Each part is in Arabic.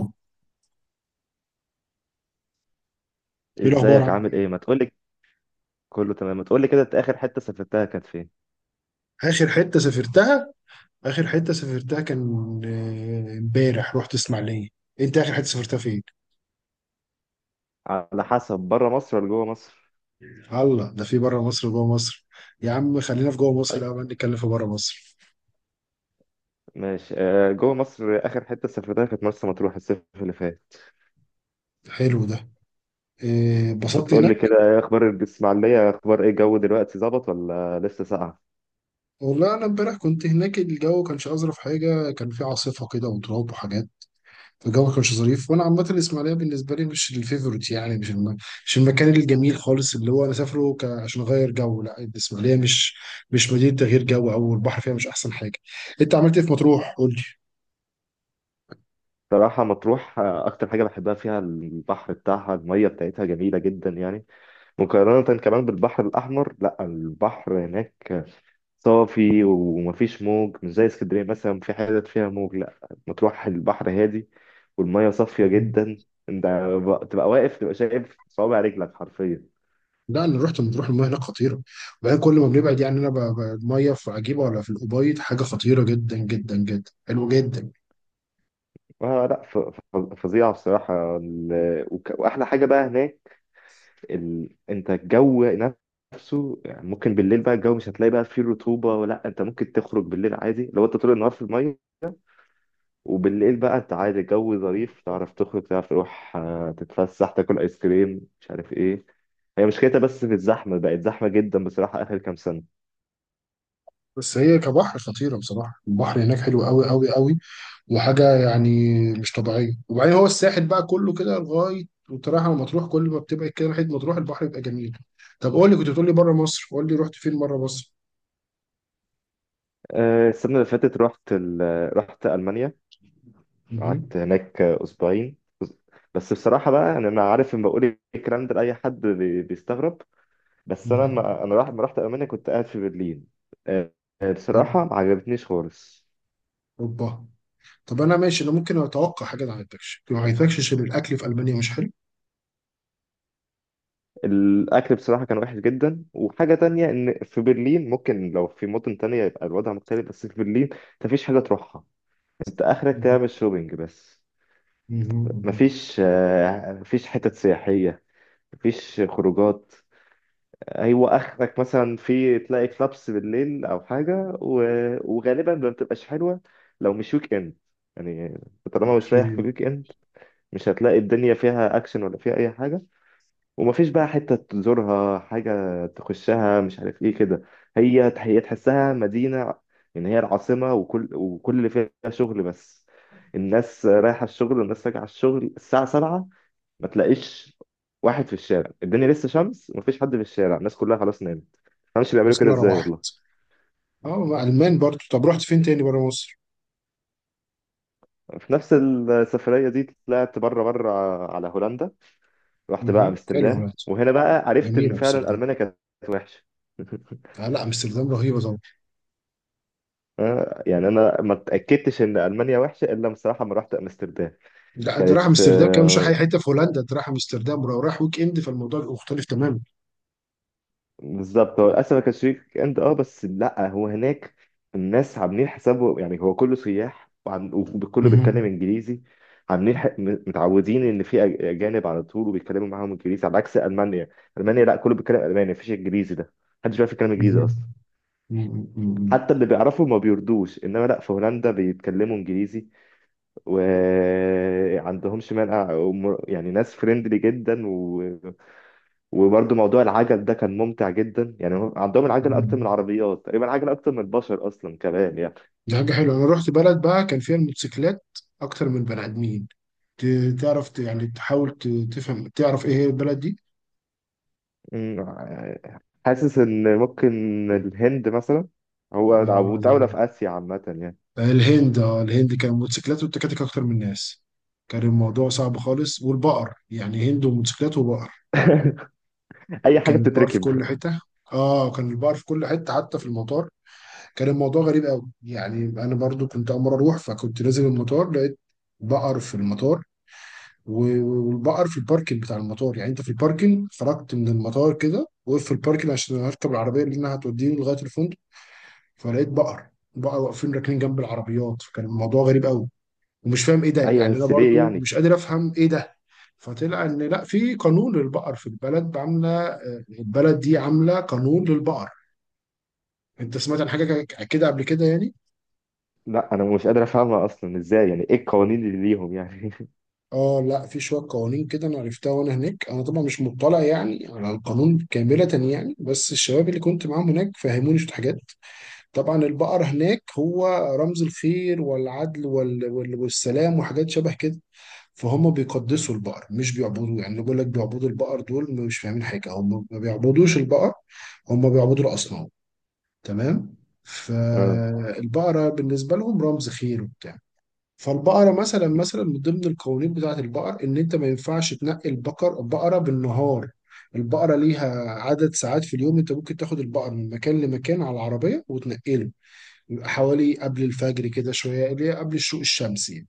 ايه الاخبار؟ ازيك؟ عامل عامل ايه؟ ايه؟ ما تقولي. كله تمام. ما تقولي كده، انت اخر حته سافرتها كانت فين؟ اخر حته سافرتها. اخر حته سافرتها كان امبارح رحت اسماعيليه. انت اخر حته سافرتها فين؟ على حسب، بره مصر ولا جوه مصر؟ الله، ده في بره مصر وجوه مصر. يا عم خلينا في جوه مصر طيب. الاول، نتكلم في بره مصر. ماشي، آه، جوه مصر اخر حته سافرتها كانت مرسى مطروح الصيف اللي فات. حلو ده. ما اتبسطت تقولي هناك؟ كده، ايه اخبار الاسماعيليه؟ اخبار ايه الجو دلوقتي؟ ظبط ولا لسه ساقعه؟ والله انا امبارح كنت هناك، الجو كانش اظرف حاجه، كان في عاصفه كده وتراب وحاجات. فالجو ما كانش ظريف، وانا عامه الاسماعيليه بالنسبه لي مش الفيفورت، يعني مش المكان الجميل خالص اللي هو انا سافره عشان اغير جو. لا، الاسماعيليه مش مدينه تغيير جو، او البحر فيها مش احسن حاجه. انت عملت ايه في مطروح؟ قول لي. صراحه مطروح، اكتر حاجه بحبها فيها البحر بتاعها، الميه بتاعتها جميله جدا يعني، مقارنه كمان بالبحر الاحمر. لا، البحر هناك صافي ومفيش موج، مش زي اسكندرية مثلا، في حتت فيها موج. لا، مطروح البحر هادي والمية صافية جدا. انت تبقى واقف تبقى شايف صوابع رجلك حرفيا. لا انا رحت مطروح، المياه هناك خطيره. وبعدين كل ما بنبعد يعني المياه في عجيبه، ولا في الأبيض حاجه خطيره جدا جدا جدا، حلوه جدا. آه، لا، فظيعة بصراحة. وأحلى حاجة بقى هناك أنت الجو نفسه، يعني ممكن بالليل بقى الجو مش هتلاقي بقى فيه رطوبة، ولا أنت ممكن تخرج بالليل عادي لو أنت طول النهار في المية. وبالليل بقى انت عادي الجو ظريف، تعرف تخرج، تعرف تروح، تتفسح، تاكل ايس كريم، مش عارف ايه. هي مشكلتها بس في الزحمة، بقت زحمة جدا بصراحة آخر كام سنة. بس هي كبحر خطيره بصراحه، البحر هناك حلو قوي قوي قوي وحاجة يعني مش طبيعية. وبعدين هو الساحل بقى كله كده لغاية وتراجع مطروح، كل ما بتبعد كده ناحية مطروح البحر بيبقى جميل. طب قول لي، كنت بتقول لي بره مصر، قول لي رحت فين بره مصر. السنة اللي فاتت رحت رحت ألمانيا. مهم. قعدت هناك أسبوعين. بس بصراحة بقى، يعني أنا عارف لما بقول الكلام ده لأي حد بيستغرب. بس أنا مهم. ما... أنا راح... لما رحت ألمانيا كنت قاعد في برلين. آه، حلو. بصراحة ما عجبتنيش خالص. اوروبا. طب انا ماشي، انا ممكن اتوقع حاجة ما عجبتكش عشان الاكل في المانيا مش حلو. الاكل بصراحه كان وحش جدا. وحاجه تانية، ان في برلين، ممكن لو في مدن تانية يبقى الوضع مختلف، بس في برلين انت مفيش حاجه تروحها. انت اخرك مهم. تعمل شوبينج بس. مهم. مهم. مفيش حتت سياحيه، مفيش خروجات. هو اخرك مثلا في، تلاقي كلابس بالليل او حاجه، وغالبا ما بتبقاش حلوه لو مش ويك اند، يعني طالما مش رايح في اوكي. الويك اند مش هتلاقي الدنيا فيها اكشن ولا فيها اي حاجه. ومفيش بقى حتة تزورها، حاجة تخشها، مش عارف ايه كده. هي، هي تحسها مدينة، يعني هي العاصمة، وكل اللي فيها شغل بس. الناس رايحة الشغل، والناس راجعة الشغل الساعة 7. ما تلاقيش واحد في الشارع، الدنيا لسه شمس ومفيش حد في الشارع، الناس كلها خلاص نامت. ما مش بيعملوا الناس كده، كلها ازاي روحت. والله. اه مع المان برضو. طب رحت فين تاني بره مصر؟ في نفس السفرية دي طلعت بره بره، على هولندا. رحت بقى مهم. حلو امستردام، هولندا، وهنا بقى عرفت ان جميلة فعلا امستردام. ألمانيا كانت وحشة. آه لا، امستردام رهيبة. يعني انا ما اتاكدتش ان المانيا وحشه الا بصراحه لما رحت امستردام. ده انت رايح كانت، امستردام كمان، مش رايح اي حته في هولندا، انت رايح امستردام، ولو رايح ويك اند فالموضوع بيبقى مختلف تماما. بالظبط، هو للاسف ما كانش ويك اند، اه. بس لا، هو هناك الناس عاملين حسابه، يعني هو كله سياح، وكله مهم. بيتكلم انجليزي. عاملين، متعودين ان في، اجانب على طول، وبيتكلموا معاهم انجليزي، على عكس المانيا. المانيا لا، كله بيتكلم الماني، مفيش انجليزي ده، محدش بيعرف يتكلم انجليزي مهم. اصلا. مم. مم. حتى اللي بيعرفوا ما بيردوش. انما لا، في هولندا بيتكلموا انجليزي وعندهمش مانع، يعني ناس فريندلي جدا. و... وبرضه موضوع العجل ده كان ممتع جدا، يعني هم عندهم العجل اكتر مم. من العربيات تقريبا، العجل اكتر من البشر اصلا كمان يعني. دي حاجه حلوه، انا رحت بلد بقى كان فيها الموتوسيكلات اكتر من بني ادمين. تعرف يعني تحاول تفهم تعرف ايه هي البلد دي؟ أمم، حاسس ان ممكن الهند مثلا، هو او دولة آه، في اسيا عامة يعني. الهند. اه الهند كان الموتوسيكلات والتكاتك اكتر من الناس، كان الموضوع صعب خالص. والبقر يعني، هند وموتوسيكلات وبقر. اي حاجة كان البقر في بتتركب. كل حته. اه كان البقر في كل حته حتى في المطار، كان الموضوع غريب قوي. يعني انا برضو كنت امر اروح، فكنت نازل المطار لقيت بقر في المطار. و- والبقر في الباركنج بتاع المطار، يعني انت في الباركنج، خرجت من المطار كده وقف في الباركنج عشان هركب العربيه اللي انها هتوديني لغايه الفندق، فلقيت بقر. بقر واقفين راكنين جنب العربيات، فكان الموضوع غريب قوي ومش فاهم ايه ده. ايوه، يعني انا بس ليه برضو يعني؟ مش قادر افهم ايه ده. فطلع ان لا، في قانون للبقر في البلد. عامله البلد دي عامله قانون للبقر. انت سمعت عن حاجه كده قبل كده يعني؟ لا، انا مش قادر افهمها اصلا. ازاي يعني؟ ايه القوانين اللي ليهم يعني؟ اه لا، في شويه قوانين كده انا عرفتها وانا هناك. انا طبعا مش مطلع يعني على القانون كامله يعني، بس الشباب اللي كنت معاهم هناك فهموني شويه حاجات. طبعا البقر هناك هو رمز الخير والعدل والسلام وحاجات شبه كده. فهم بيقدسوا البقر مش بيعبدوه. يعني بيقول لك بيعبدوا البقر، دول مش فاهمين حاجه، هم ما بيعبدوش البقر، هم بيعبدوا الاصنام. تمام. آه. فالبقرة بالنسبة لهم رمز خير وبتاع. فالبقرة مثلا، مثلا من ضمن القوانين بتاعة البقر إن أنت ما ينفعش تنقي البقر، بقرة بالنهار البقرة ليها عدد ساعات في اليوم أنت ممكن تاخد البقر من مكان لمكان على العربية وتنقله، يبقى حوالي قبل الفجر كده شوية، اللي هي قبل الشروق الشمسي يعني.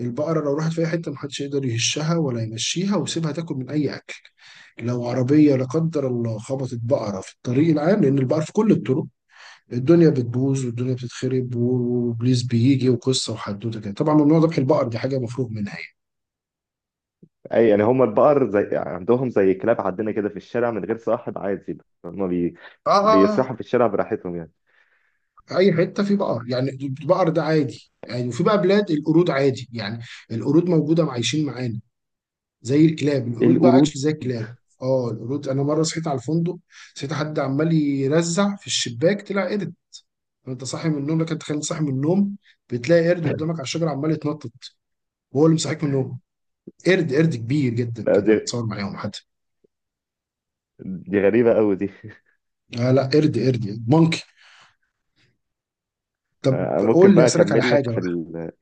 البقرة لو راحت في أي حتة محدش يقدر يهشها ولا يمشيها، ويسيبها تاكل من أي أكل. لو عربية لا قدر الله خبطت بقرة في الطريق العام، لأن البقر في كل الطرق، الدنيا بتبوظ والدنيا بتتخرب، وبليز بيجي وقصه وحدوته كده. طبعا ممنوع ذبح البقر، دي حاجه مفروغ منها يعني. اي يعني، هم البقر زي، عندهم زي كلاب عندنا كده في الشارع من غير صاحب عادي؟ هم اه اه. بيسرحوا في الشارع براحتهم يعني؟ آه. اي حته في بقر يعني، البقر ده عادي يعني، وفي بقى بلاد القرود عادي يعني، القرود موجوده عايشين معانا زي الكلاب. ايه، القرود بقى القرود؟ اكشلي زي الكلاب. اه القرود، انا مره صحيت على الفندق، صحيت حد عمال يرزع في الشباك، طلع قرد. وانت صاحي من النوم لك، انت خليت صاحي من النوم، بتلاقي قرد قدامك على الشجره عمال يتنطط وهو اللي مصحيك من النوم. قرد كبير جدا لا، كده، دي اتصور معاهم حد. دي غريبة قوي دي. آه لا، قرد مونكي. طب ممكن قول لي، بقى اسالك على اكمل لك حاجه في بقى.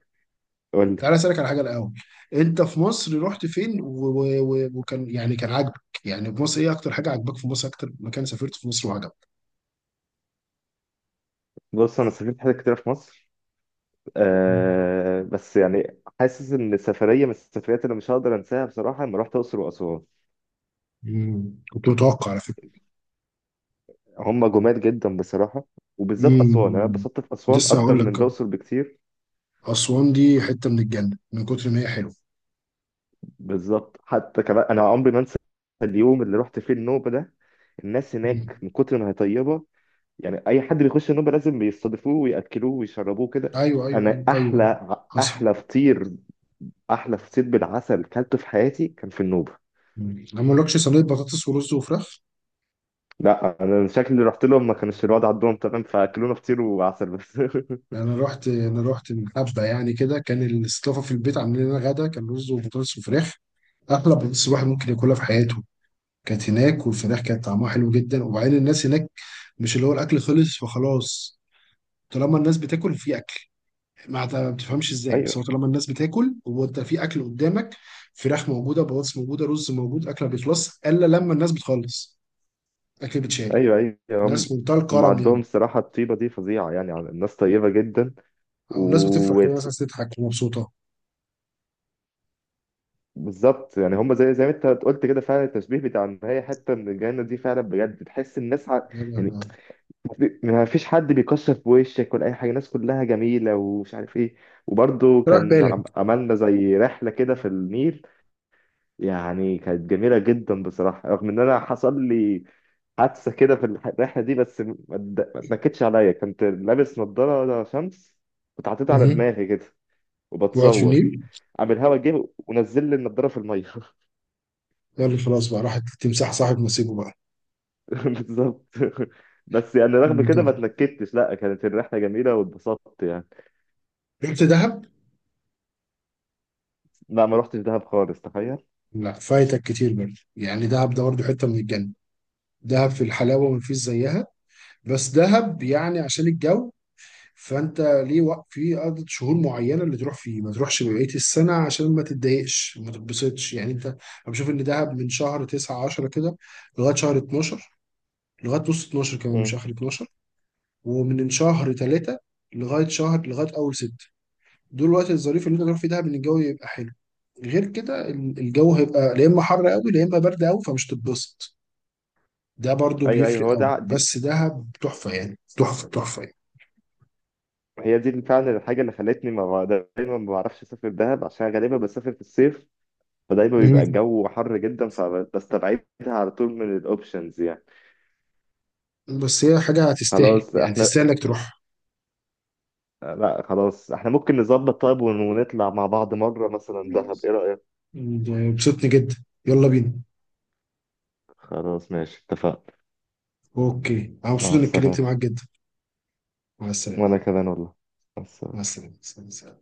قول تعالى لي. اسالك على حاجه الاول. انت في مصر رحت فين وكان يعني كان عاجبك يعني في مصر، ايه اكتر حاجه عجبك في مصر، اكتر مكان سافرت في مصر وعجبك؟ بص، انا سافرت حاجات كتير في مصر. بس يعني حاسس ان سفرية من السفريات اللي مش هقدر انساها بصراحة، لما رحت الاقصر واسوان. مم. كنت متوقع على فكره. هم جمال جدا بصراحة، وبالذات اسوان. انا مم. اتبسطت في اسوان لسه اكتر هقول من لك. الاقصر بكتير. اسوان دي حته من الجنه من كتر ما هي حلوه. بالظبط، حتى كمان انا عمري ما انسى اليوم اللي رحت فيه النوبة ده. الناس هناك مم. من كتر ما هي طيبه، يعني اي حد بيخش النوبه لازم بيستضيفوه وياكلوه ويشربوه كده. ايوه ايوه انا ايوه ايوه. حصل. احلى فطير بالعسل كلته في حياتي كان في النوبه. مم. انا ما اقولكش صينيه بطاطس ورز وفراخ. لا انا شكلي رحت لهم ما كانش الوضع عندهم تمام، فاكلونا فطير وعسل بس. انا رحت من حبه يعني كده، كان الاستضافه في البيت عاملين لنا غدا، كان رز وبطاطس وفراخ، احلى بطاطس الواحد ممكن ياكلها في حياته كانت هناك، والفراخ كانت طعمها حلو جدا. وبعدين الناس هناك مش اللي هو الاكل خلص فخلاص، طالما الناس بتاكل في اكل، ما بتفهمش ازاي، ايوه، بس هو طالما الناس بتاكل، هو انت في اكل قدامك، فراخ موجوده بطاطس موجوده رز موجود، اكل ما بيخلص الا لما الناس بتخلص، اكل بتشال. ايوه، ايوه، هم ناس منتهى هم الكرم يعني، عندهم الصراحه الطيبه دي فظيعه، يعني يعني الناس طيبه جدا. او ناس بتفرح كده، ناس وبالظبط عايزة تضحك ومبسوطه. يعني، هم زي ما انت قلت كده فعلا، التشبيه بتاع ان هي حته من الجنه دي، فعلا بجد تحس الناس، ع... يلا يعني يلا. ما فيش حد بيكسر في وشك ولا اي حاجه، الناس كلها جميله ومش عارف ايه. وبرضه راح كان، بالك. عملنا زي رحله كده في النيل، يعني كانت جميله جدا بصراحه، رغم ان انا حصل لي حادثه كده في الرحله دي، بس ما اتنكدش عليا. كنت لابس نضاره شمس، كنت حاططها على مهم. دماغي كده، وقعت في وبتصور، النيل؟ قام الهوا جه ونزل لي النضاره في الميه. يلا خلاص بقى، راحت تمسح صاحب نصيبه بقى. بالظبط. بس يعني رغم كده ما منطقة. اتنكدتش، لا كانت الرحله جميله واتبسطت يعني. رحت دهب؟ لا، ما رحتش دهب خالص، تخيل. لا فايتك كتير برضه يعني، دهب ده برضه حته من الجنه، دهب في الحلاوه مفيش زيها. بس دهب يعني عشان الجو، فانت ليه وقت في عدد شهور معينه اللي تروح فيه، ما تروحش بقيه السنه عشان ما تتضايقش ما تتبسطش يعني. انت انا بشوف ان دهب من شهر 9 10 كده لغايه شهر 12، لغايه نص 12 كمان مش امم. اخر 12، ومن شهر 3 لغايه شهر، لغايه اول 6. دول الوقت الظريف اللي انت تروح فيه دهب ان الجو يبقى حلو. غير كده الجو هيبقى لا اما حر قوي لا اما برد قوي، فمش تتبسط. ده برضو ايوه، ايوه، بيفرق هو قوي. ده، دي، بس دهب تحفه يعني، تحفه تحفه. هي دي فعلا الحاجه اللي خلتني ما، دايما ما بعرفش اسافر دهب عشان غالبا بسافر في الصيف، فدايما يعني بيبقى مم. الجو حر جدا فبستبعدها على طول من الاوبشنز يعني. بس هي حاجه هتستاهل خلاص يعني، احنا، تستاهل انك تروح. لا خلاص، احنا ممكن نظبط طيب، ونطلع مع بعض مره مثلا دهب، ايه رايك؟ ده بسطني جدا، يلا بينا. خلاص ماشي، اتفقنا. اوكي انا مع مبسوط اني السلامه. اتكلمت معاك جدا. مع السلامه. وانا كمان والله. مع مع السلامه. السلامه.